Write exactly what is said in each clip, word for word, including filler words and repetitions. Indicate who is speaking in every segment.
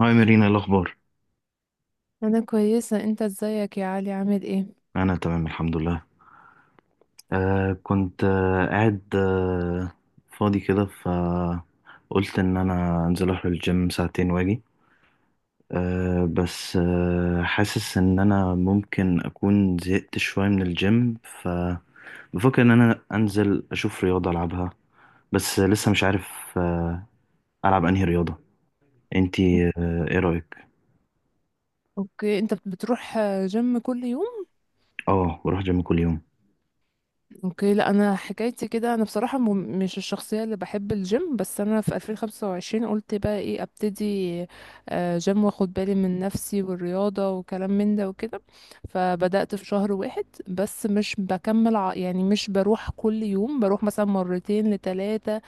Speaker 1: هاي مارينا، إيه الأخبار؟
Speaker 2: انا كويسه، انت ازيك يا علي؟ عامل ايه؟
Speaker 1: أنا تمام الحمد لله. آه كنت آه قاعد آه فاضي كده، فقلت إن أنا أنزل أروح الجيم ساعتين وأجي. آه بس آه حاسس إن أنا ممكن أكون زهقت شوية من الجيم، فبفكر إن أنا أنزل أشوف رياضة ألعبها، بس لسه مش عارف آه ألعب أنهي رياضة. أنتي آه إيه رأيك؟
Speaker 2: اوكي، انت بتروح جيم كل يوم؟
Speaker 1: آه، بروح جيم كل يوم.
Speaker 2: اوكي. لا انا حكايتي كده، انا بصراحه م- مش الشخصيه اللي بحب الجيم، بس انا في ألفين وخمسة وعشرين قلت بقى ايه، ابتدي آه، جيم، واخد بالي من نفسي والرياضه وكلام من ده وكده. فبدات في شهر واحد، بس مش بكمل. ع- يعني مش بروح كل يوم، بروح مثلا مرتين لثلاثه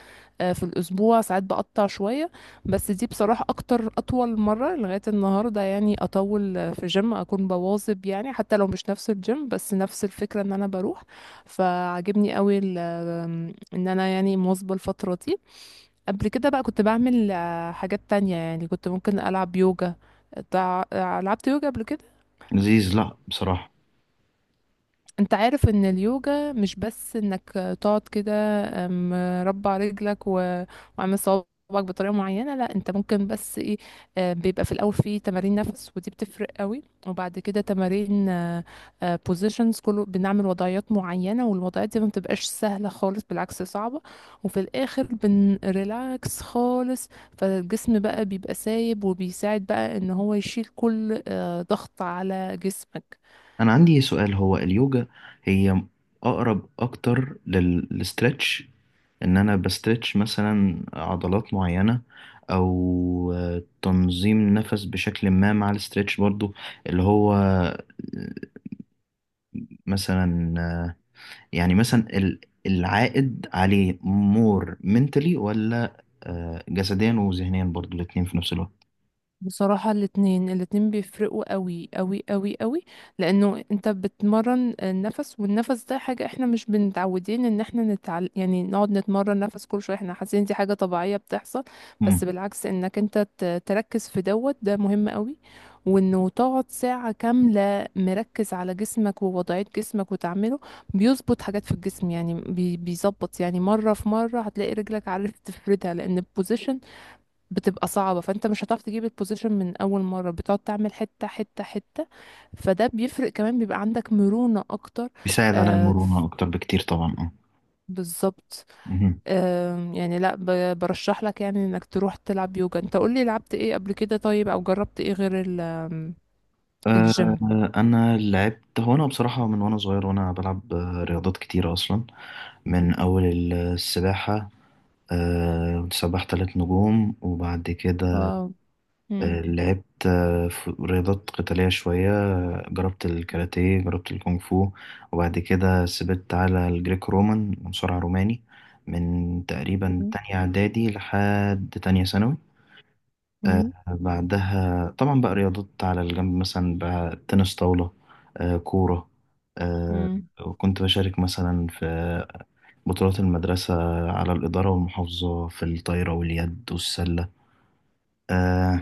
Speaker 2: في الاسبوع، ساعات بقطع شويه. بس دي بصراحه اكتر اطول مره لغايه النهارده، يعني اطول آه، في جيم اكون بواظب، يعني حتى لو مش نفس الجيم بس نفس الفكره ان انا بروح. فعجبني قوي ال- ان انا يعني مواظبه الفتره دي. قبل كده بقى كنت بعمل آه، حاجات تانية، يعني كنت ممكن العب يوجا. تع- آه، لعبت يوجا قبل كده.
Speaker 1: لذيذ. لأ بصراحة
Speaker 2: انت عارف ان اليوجا مش بس انك تقعد كده، ام، مربع رجلك و- وعامل صوابعك بطريقه معينه؟ لا، انت ممكن بس ايه، اه، بيبقى في الاول في تمارين نفس ودي بتفرق قوي، وبعد كده تمارين بوزيشنز، كله بنعمل وضعيات معينه، والوضعيات دي ما بتبقاش سهله خالص، بالعكس صعبه. وفي الاخر بنريلاكس خالص، فالجسم بقى بيبقى سايب وبيساعد بقى ان هو يشيل كل اه، ضغط على جسمك.
Speaker 1: انا عندي سؤال، هو اليوجا هي اقرب اكتر للستريتش، ان انا بستريتش مثلا عضلات معينة، او آه، تنظيم نفس بشكل ما مع الستريتش برضو، اللي هو آه، مثلا آه، يعني مثلا ال- العائد عليه مور منتلي ولا آه، جسديا وذهنيا برضو الاتنين في نفس الوقت؟
Speaker 2: بصراحة الاتنين، الاتنين بيفرقوا قوي قوي قوي قوي. لأنه انت بتمرن النفس، والنفس ده حاجة احنا مش بنتعودين ان احنا نتعل... يعني نقعد نتمرن نفس كل شوية، احنا حاسين دي حاجة طبيعية بتحصل.
Speaker 1: مم.
Speaker 2: بس بالعكس، انك انت ت- تركز في دوت ده مهم قوي. وانه تقعد ساعة كاملة مركز على جسمك ووضعية جسمك وتعمله، بيظبط حاجات في الجسم. يعني بي... بيظبط، يعني مرة في مرة هتلاقي رجلك عارف تفردها، لأن البوزيشن بتبقى صعبة، فانت مش هتعرف تجيب البوزيشن من اول مرة، بتقعد تعمل حتة حتة حتة. فده بيفرق، كمان بيبقى عندك مرونة اكتر.
Speaker 1: بيساعد على
Speaker 2: آه
Speaker 1: المرونة
Speaker 2: ف-
Speaker 1: اكتر بكتير طبعا، اه.
Speaker 2: بالظبط.
Speaker 1: مهم.
Speaker 2: آه يعني لا، ب- برشح لك يعني انك تروح تلعب يوجا. انت قولي لعبت ايه قبل كده، طيب، او جربت ايه غير ال- آم،
Speaker 1: آه،
Speaker 2: الجيم؟
Speaker 1: انا لعبت، هو انا بصراحه من وانا صغير وانا بلعب آه، رياضات كتيره اصلا. من اول السباحه، آه، سباح ثلاث نجوم. وبعد كده
Speaker 2: اه. مم.
Speaker 1: آه، لعبت آه، ف- رياضات قتاليه شويه، آه، جربت الكاراتيه، جربت الكونغ فو. وبعد كده سبت على الجريك رومان، مصارع روماني، من تقريبا
Speaker 2: اوكي.
Speaker 1: تانية اعدادي لحد تانية ثانوي. آه،
Speaker 2: مم.
Speaker 1: بعدها طبعا بقى رياضات على الجنب، مثلا بقى تنس طاولة، آه، كورة. آه،
Speaker 2: مم.
Speaker 1: وكنت بشارك مثلا في بطولات المدرسة على الإدارة والمحافظة في الطايرة واليد والسلة. آه،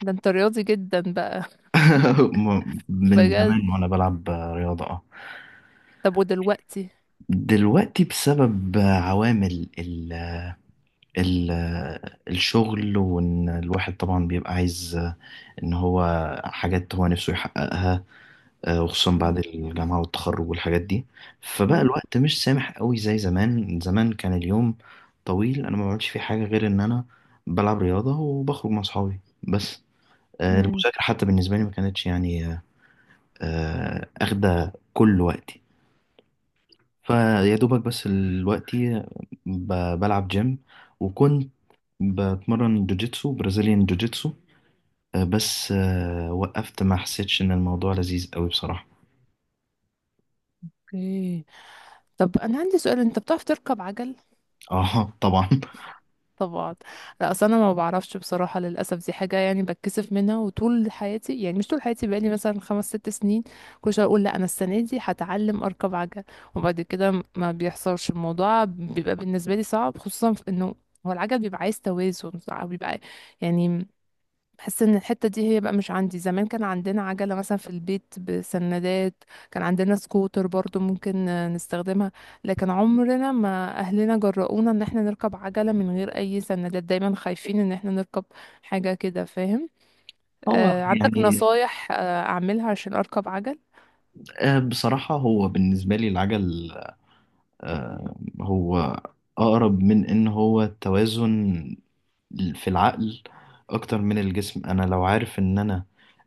Speaker 2: ده انت رياضي جدا بقى!
Speaker 1: م- من
Speaker 2: بجد؟
Speaker 1: زمان وأنا بلعب رياضة، اه.
Speaker 2: طب ودلوقتي؟
Speaker 1: دلوقتي بسبب عوامل ال ال الشغل، وإن الواحد طبعا بيبقى عايز إن هو حاجات هو نفسه يحققها، آه، وخصوصا بعد
Speaker 2: مم.
Speaker 1: الجامعة والتخرج والحاجات دي، فبقى
Speaker 2: مم.
Speaker 1: الوقت مش سامح قوي زي زمان. زمان كان اليوم طويل، انا ما بعملش فيه حاجة غير ان انا بلعب رياضة وبخرج مع اصحابي بس. آه،
Speaker 2: مم.
Speaker 1: المذاكرة حتى بالنسبة لي ما كانتش يعني آه، آه، اخدة كل وقتي، فيا دوبك. بس دلوقتي بلعب جيم، وكنت بتمرن جوجيتسو، برازيليان جوجيتسو، آه، بس آه، وقفت، ما حسيتش ان الموضوع لذيذ قوي بصراحة.
Speaker 2: اوكي. طب انا عندي سؤال، انت بتعرف تركب عجل؟
Speaker 1: اه طبعا.
Speaker 2: طبعا. لا اصل انا ما بعرفش بصراحه، للاسف دي حاجه يعني بتكسف منها. وطول حياتي، يعني مش طول حياتي، بقالي مثلا خمس ست سنين كل شويه اقول لا انا السنه دي هتعلم اركب عجل، وبعد كده ما بيحصلش الموضوع. بيبقى بالنسبه لي صعب، خصوصا في انه هو العجل بيبقى عايز توازن، أو بيبقى يعني بحس ان الحته دي هي بقى مش عندي. زمان كان عندنا عجله مثلا في البيت بسندات، كان عندنا سكوتر برضو ممكن آه، نستخدمها، لكن عمرنا ما اهلنا جرؤونا ان احنا نركب عجله من غير اي سندات، دايما خايفين ان احنا نركب حاجه كده، فاهم؟
Speaker 1: هو
Speaker 2: آه، عندك
Speaker 1: يعني
Speaker 2: نصايح آه اعملها عشان اركب عجل؟
Speaker 1: آه، بصراحة هو بالنسبة لي العجل، آه، هو أقرب من إن هو توازن في العقل أكتر من الجسم. أنا لو عارف إن أنا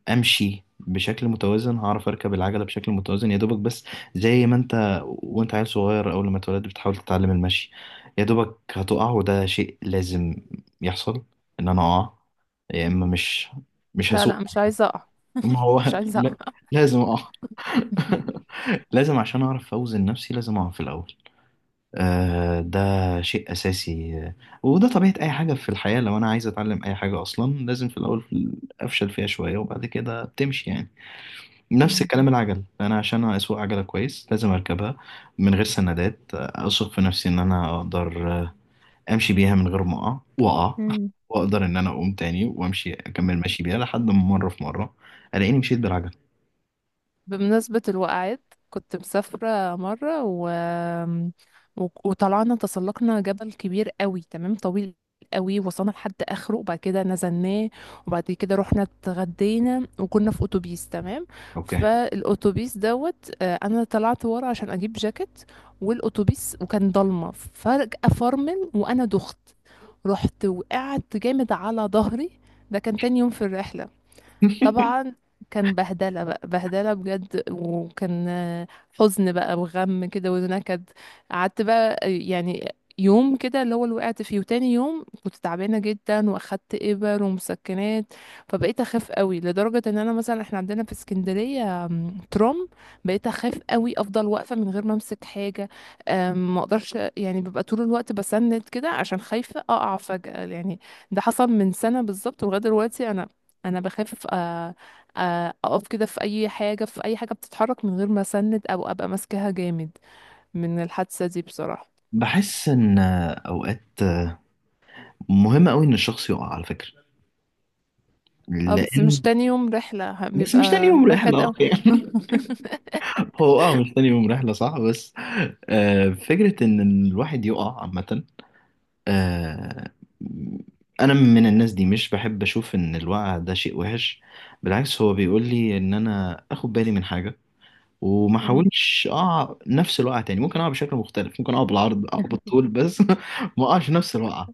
Speaker 1: أمشي بشكل متوازن هعرف أركب العجلة بشكل متوازن، يا دوبك. بس زي ما أنت وأنت عيل صغير أول ما اتولدت بتحاول تتعلم المشي، يا دوبك هتقع، وده شيء لازم يحصل إن أنا أقع، يا إما مش مش
Speaker 2: لا
Speaker 1: هسوق.
Speaker 2: لا، مش عايزه اقع.
Speaker 1: ما هو
Speaker 2: مش عايزه
Speaker 1: لا-
Speaker 2: اقع.
Speaker 1: لازم، اه. لازم، عشان اعرف اوزن نفسي لازم اقف في الاول. آه ده شيء اساسي. آه، وده طبيعه اي حاجه في الحياه، لو انا عايز اتعلم اي حاجه اصلا لازم في الاول افشل فيها شويه، وبعد كده بتمشي يعني. نفس الكلام العجل، انا عشان اسوق عجله كويس لازم اركبها من غير سندات، آه، اثق في نفسي ان انا اقدر آه، امشي بيها من غير ما اقع. واقع
Speaker 2: مم.
Speaker 1: واقدر ان انا اقوم تاني وامشي اكمل ماشي بيها لحد ما مره في مره الاقيني مشيت بالعجل.
Speaker 2: بمناسبة الوقعات، كنت مسافرة مرة و... و... وطلعنا تسلقنا جبل كبير قوي، تمام، طويل قوي. وصلنا لحد اخره وبعد كده نزلناه، وبعد كده رحنا اتغدينا وكنا في اتوبيس، تمام.
Speaker 1: اوكي.
Speaker 2: فالاتوبيس دوت آه، انا طلعت ورا عشان اجيب جاكيت، والاتوبيس وكان ضلمه فجأة فرمل، وانا دخت، رحت وقعت جامد على ظهري. ده كان تاني يوم في الرحلة، طبعا كان بهدلة بقى، بهدلة بجد. وكان آه، حزن بقى وغم كده ونكد. قعدت بقى آه، يعني يوم كده اللي هو اللي وقعت فيه، وتاني يوم كنت تعبانة جدا واخدت إبر ومسكنات. فبقيت أخاف قوي، لدرجة إن أنا مثلا إحنا عندنا في اسكندرية آم، ترام، بقيت أخاف قوي، أفضل واقفة من غير ما أمسك حاجة. آم، ما أقدرش، يعني ببقى طول الوقت بسند كده عشان خايفة أقع فجأة يعني. ده حصل من سنة بالظبط، ولغاية دلوقتي أنا انا بخاف آه، آه، اقف كده في اي حاجه، في اي حاجه بتتحرك من غير ما اسند او ابقى ماسكاها جامد، من الحادثه دي بصراحه.
Speaker 1: بحس ان اوقات مهم قوي ان الشخص يقع على فكره،
Speaker 2: اه بس
Speaker 1: لان
Speaker 2: مش تاني يوم رحله، ه-
Speaker 1: بس مش تاني
Speaker 2: بيبقى
Speaker 1: يوم
Speaker 2: نكد
Speaker 1: رحله.
Speaker 2: أوي.
Speaker 1: يعني هو اه مش تاني يوم رحله صح، بس آه، فكره ان الواحد يقع عامه، آه، انا من الناس دي مش بحب اشوف ان الوقع ده شيء وحش، بالعكس هو بيقول لي ان انا اخد بالي من حاجه وما
Speaker 2: مم.
Speaker 1: احاولش اقع نفس الوقعه تاني. ممكن اقع بشكل مختلف، ممكن اقع بالعرض، اقع بالطول، بس ما اقعش نفس الوقعه،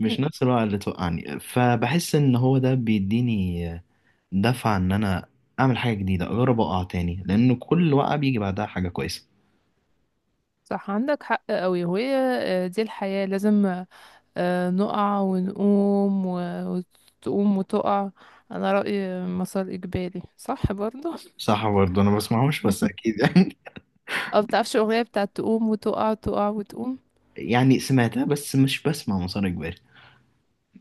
Speaker 1: مش نفس الوقت اللي توقعني. فبحس ان هو ده بيديني دفعة ان انا اعمل حاجة جديدة، اجرب اقع تاني، لان كل وقعة بيجي بعدها حاجة كويسة.
Speaker 2: صح، عندك حق أوي، وهي آه، دي الحياه، لازم آه، نقع ونقوم و- وتقوم وتقع. انا رايي مسار اجباري صح برضه.
Speaker 1: صح برضه. انا بسمعهوش بس اكيد يعني.
Speaker 2: اه بتعرفش الاغنيه بتاعت تقوم وتقع، تقع وتقوم؟
Speaker 1: يعني سمعتها بس مش بسمع مسار اجباري.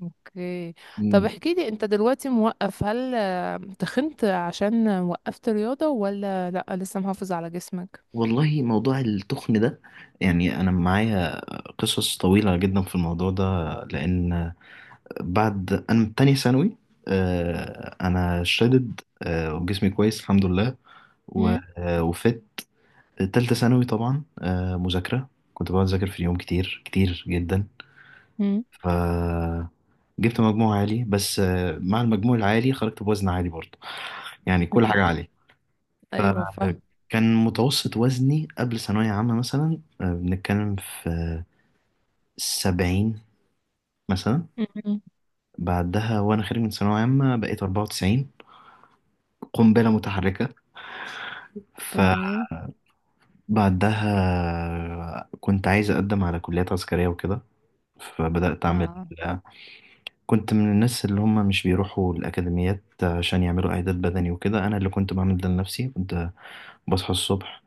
Speaker 2: اوكي. طب
Speaker 1: أمم.
Speaker 2: احكي لي، انت دلوقتي موقف، هل آه، تخنت عشان وقفت رياضة، ولا لا لسه محافظ على جسمك؟
Speaker 1: والله موضوع التخن ده، يعني انا معايا قصص طويلة جدا في الموضوع ده. لان بعد انا من تانية ثانوي آه، انا شدد آه، وجسمي كويس الحمد لله. و-
Speaker 2: مم.
Speaker 1: آه، وفت تالتة ثانوي طبعا آه، مذاكرة، كنت بقعد أذاكر في اليوم كتير كتير جدا.
Speaker 2: مم.
Speaker 1: ف جبت مجموع عالي، بس آه، مع المجموع العالي خرجت بوزن عالي برضه، يعني كل حاجة عالية.
Speaker 2: ايوه، فاهم.
Speaker 1: فكان متوسط وزني قبل ثانوية عامة مثلا آه، بنتكلم في سبعين مثلا.
Speaker 2: مم.
Speaker 1: بعدها وأنا خارج من ثانوية عامة بقيت أربعة وتسعين، قنبلة متحركة.
Speaker 2: تمام.
Speaker 1: فبعدها كنت عايز أقدم على كليات عسكرية وكده، فبدأت أعمل،
Speaker 2: اه.
Speaker 1: كنت من الناس اللي هم مش بيروحوا الأكاديميات عشان يعملوا إعداد بدني وكده. أنا اللي كنت بعمل ده لنفسي، كنت بصحى الصبح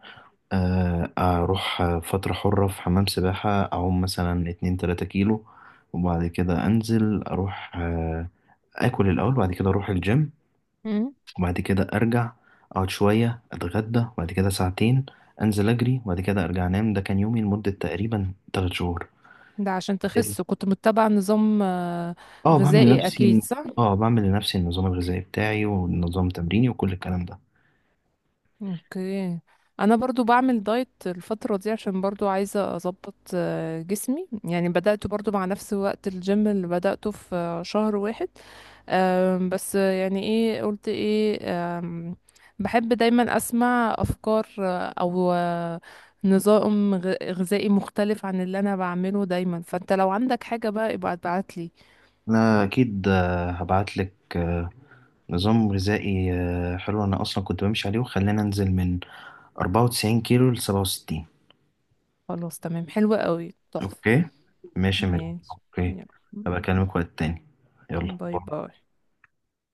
Speaker 1: آه، أروح فترة حرة في حمام سباحة، أعوم مثلا اتنين تلاتة كيلو، وبعد كده أنزل أروح آه، آكل الأول، وبعد كده أروح الجيم،
Speaker 2: مم.
Speaker 1: وبعد كده أرجع أقعد شوية أتغدى، وبعد كده ساعتين أنزل أجري، وبعد كده أرجع أنام. ده كان يومي لمدة تقريبا تلات شهور.
Speaker 2: ده عشان تخس كنت متبع نظام آه،
Speaker 1: اه بعمل انت
Speaker 2: غذائي
Speaker 1: لنفسي
Speaker 2: اكيد،
Speaker 1: الن-
Speaker 2: صح؟
Speaker 1: اه بعمل لنفسي النظام الغذائي بتاعي والنظام تمريني وكل الكلام ده.
Speaker 2: اوكي. انا برضو بعمل دايت الفترة دي، عشان برضو عايزة اظبط آه، جسمي، يعني بدأت برضو مع نفس وقت الجيم اللي بدأته في آه، شهر واحد. آم، بس آه، يعني ايه قلت ايه. آم، بحب دايما اسمع افكار آه، او آه، نظام غ- غذائي مختلف عن اللي انا بعمله دايما، فانت لو عندك حاجة بقى ابقى ابعت لي.
Speaker 1: انا اكيد آه، هبعت لك آه، نظام غذائي آه، حلو، انا اصلا كنت بمشي عليه وخلينا انزل من أربعة وتسعين كيلو ل سبعة وستين.
Speaker 2: خلاص تمام، حلوة قوي، تحفة.
Speaker 1: اوكي. ماشي يا مريم،
Speaker 2: ماشي.
Speaker 1: اوكي.
Speaker 2: يلا.
Speaker 1: هبقى اكلمك وقت تاني. يلا
Speaker 2: باي
Speaker 1: باي.
Speaker 2: باي.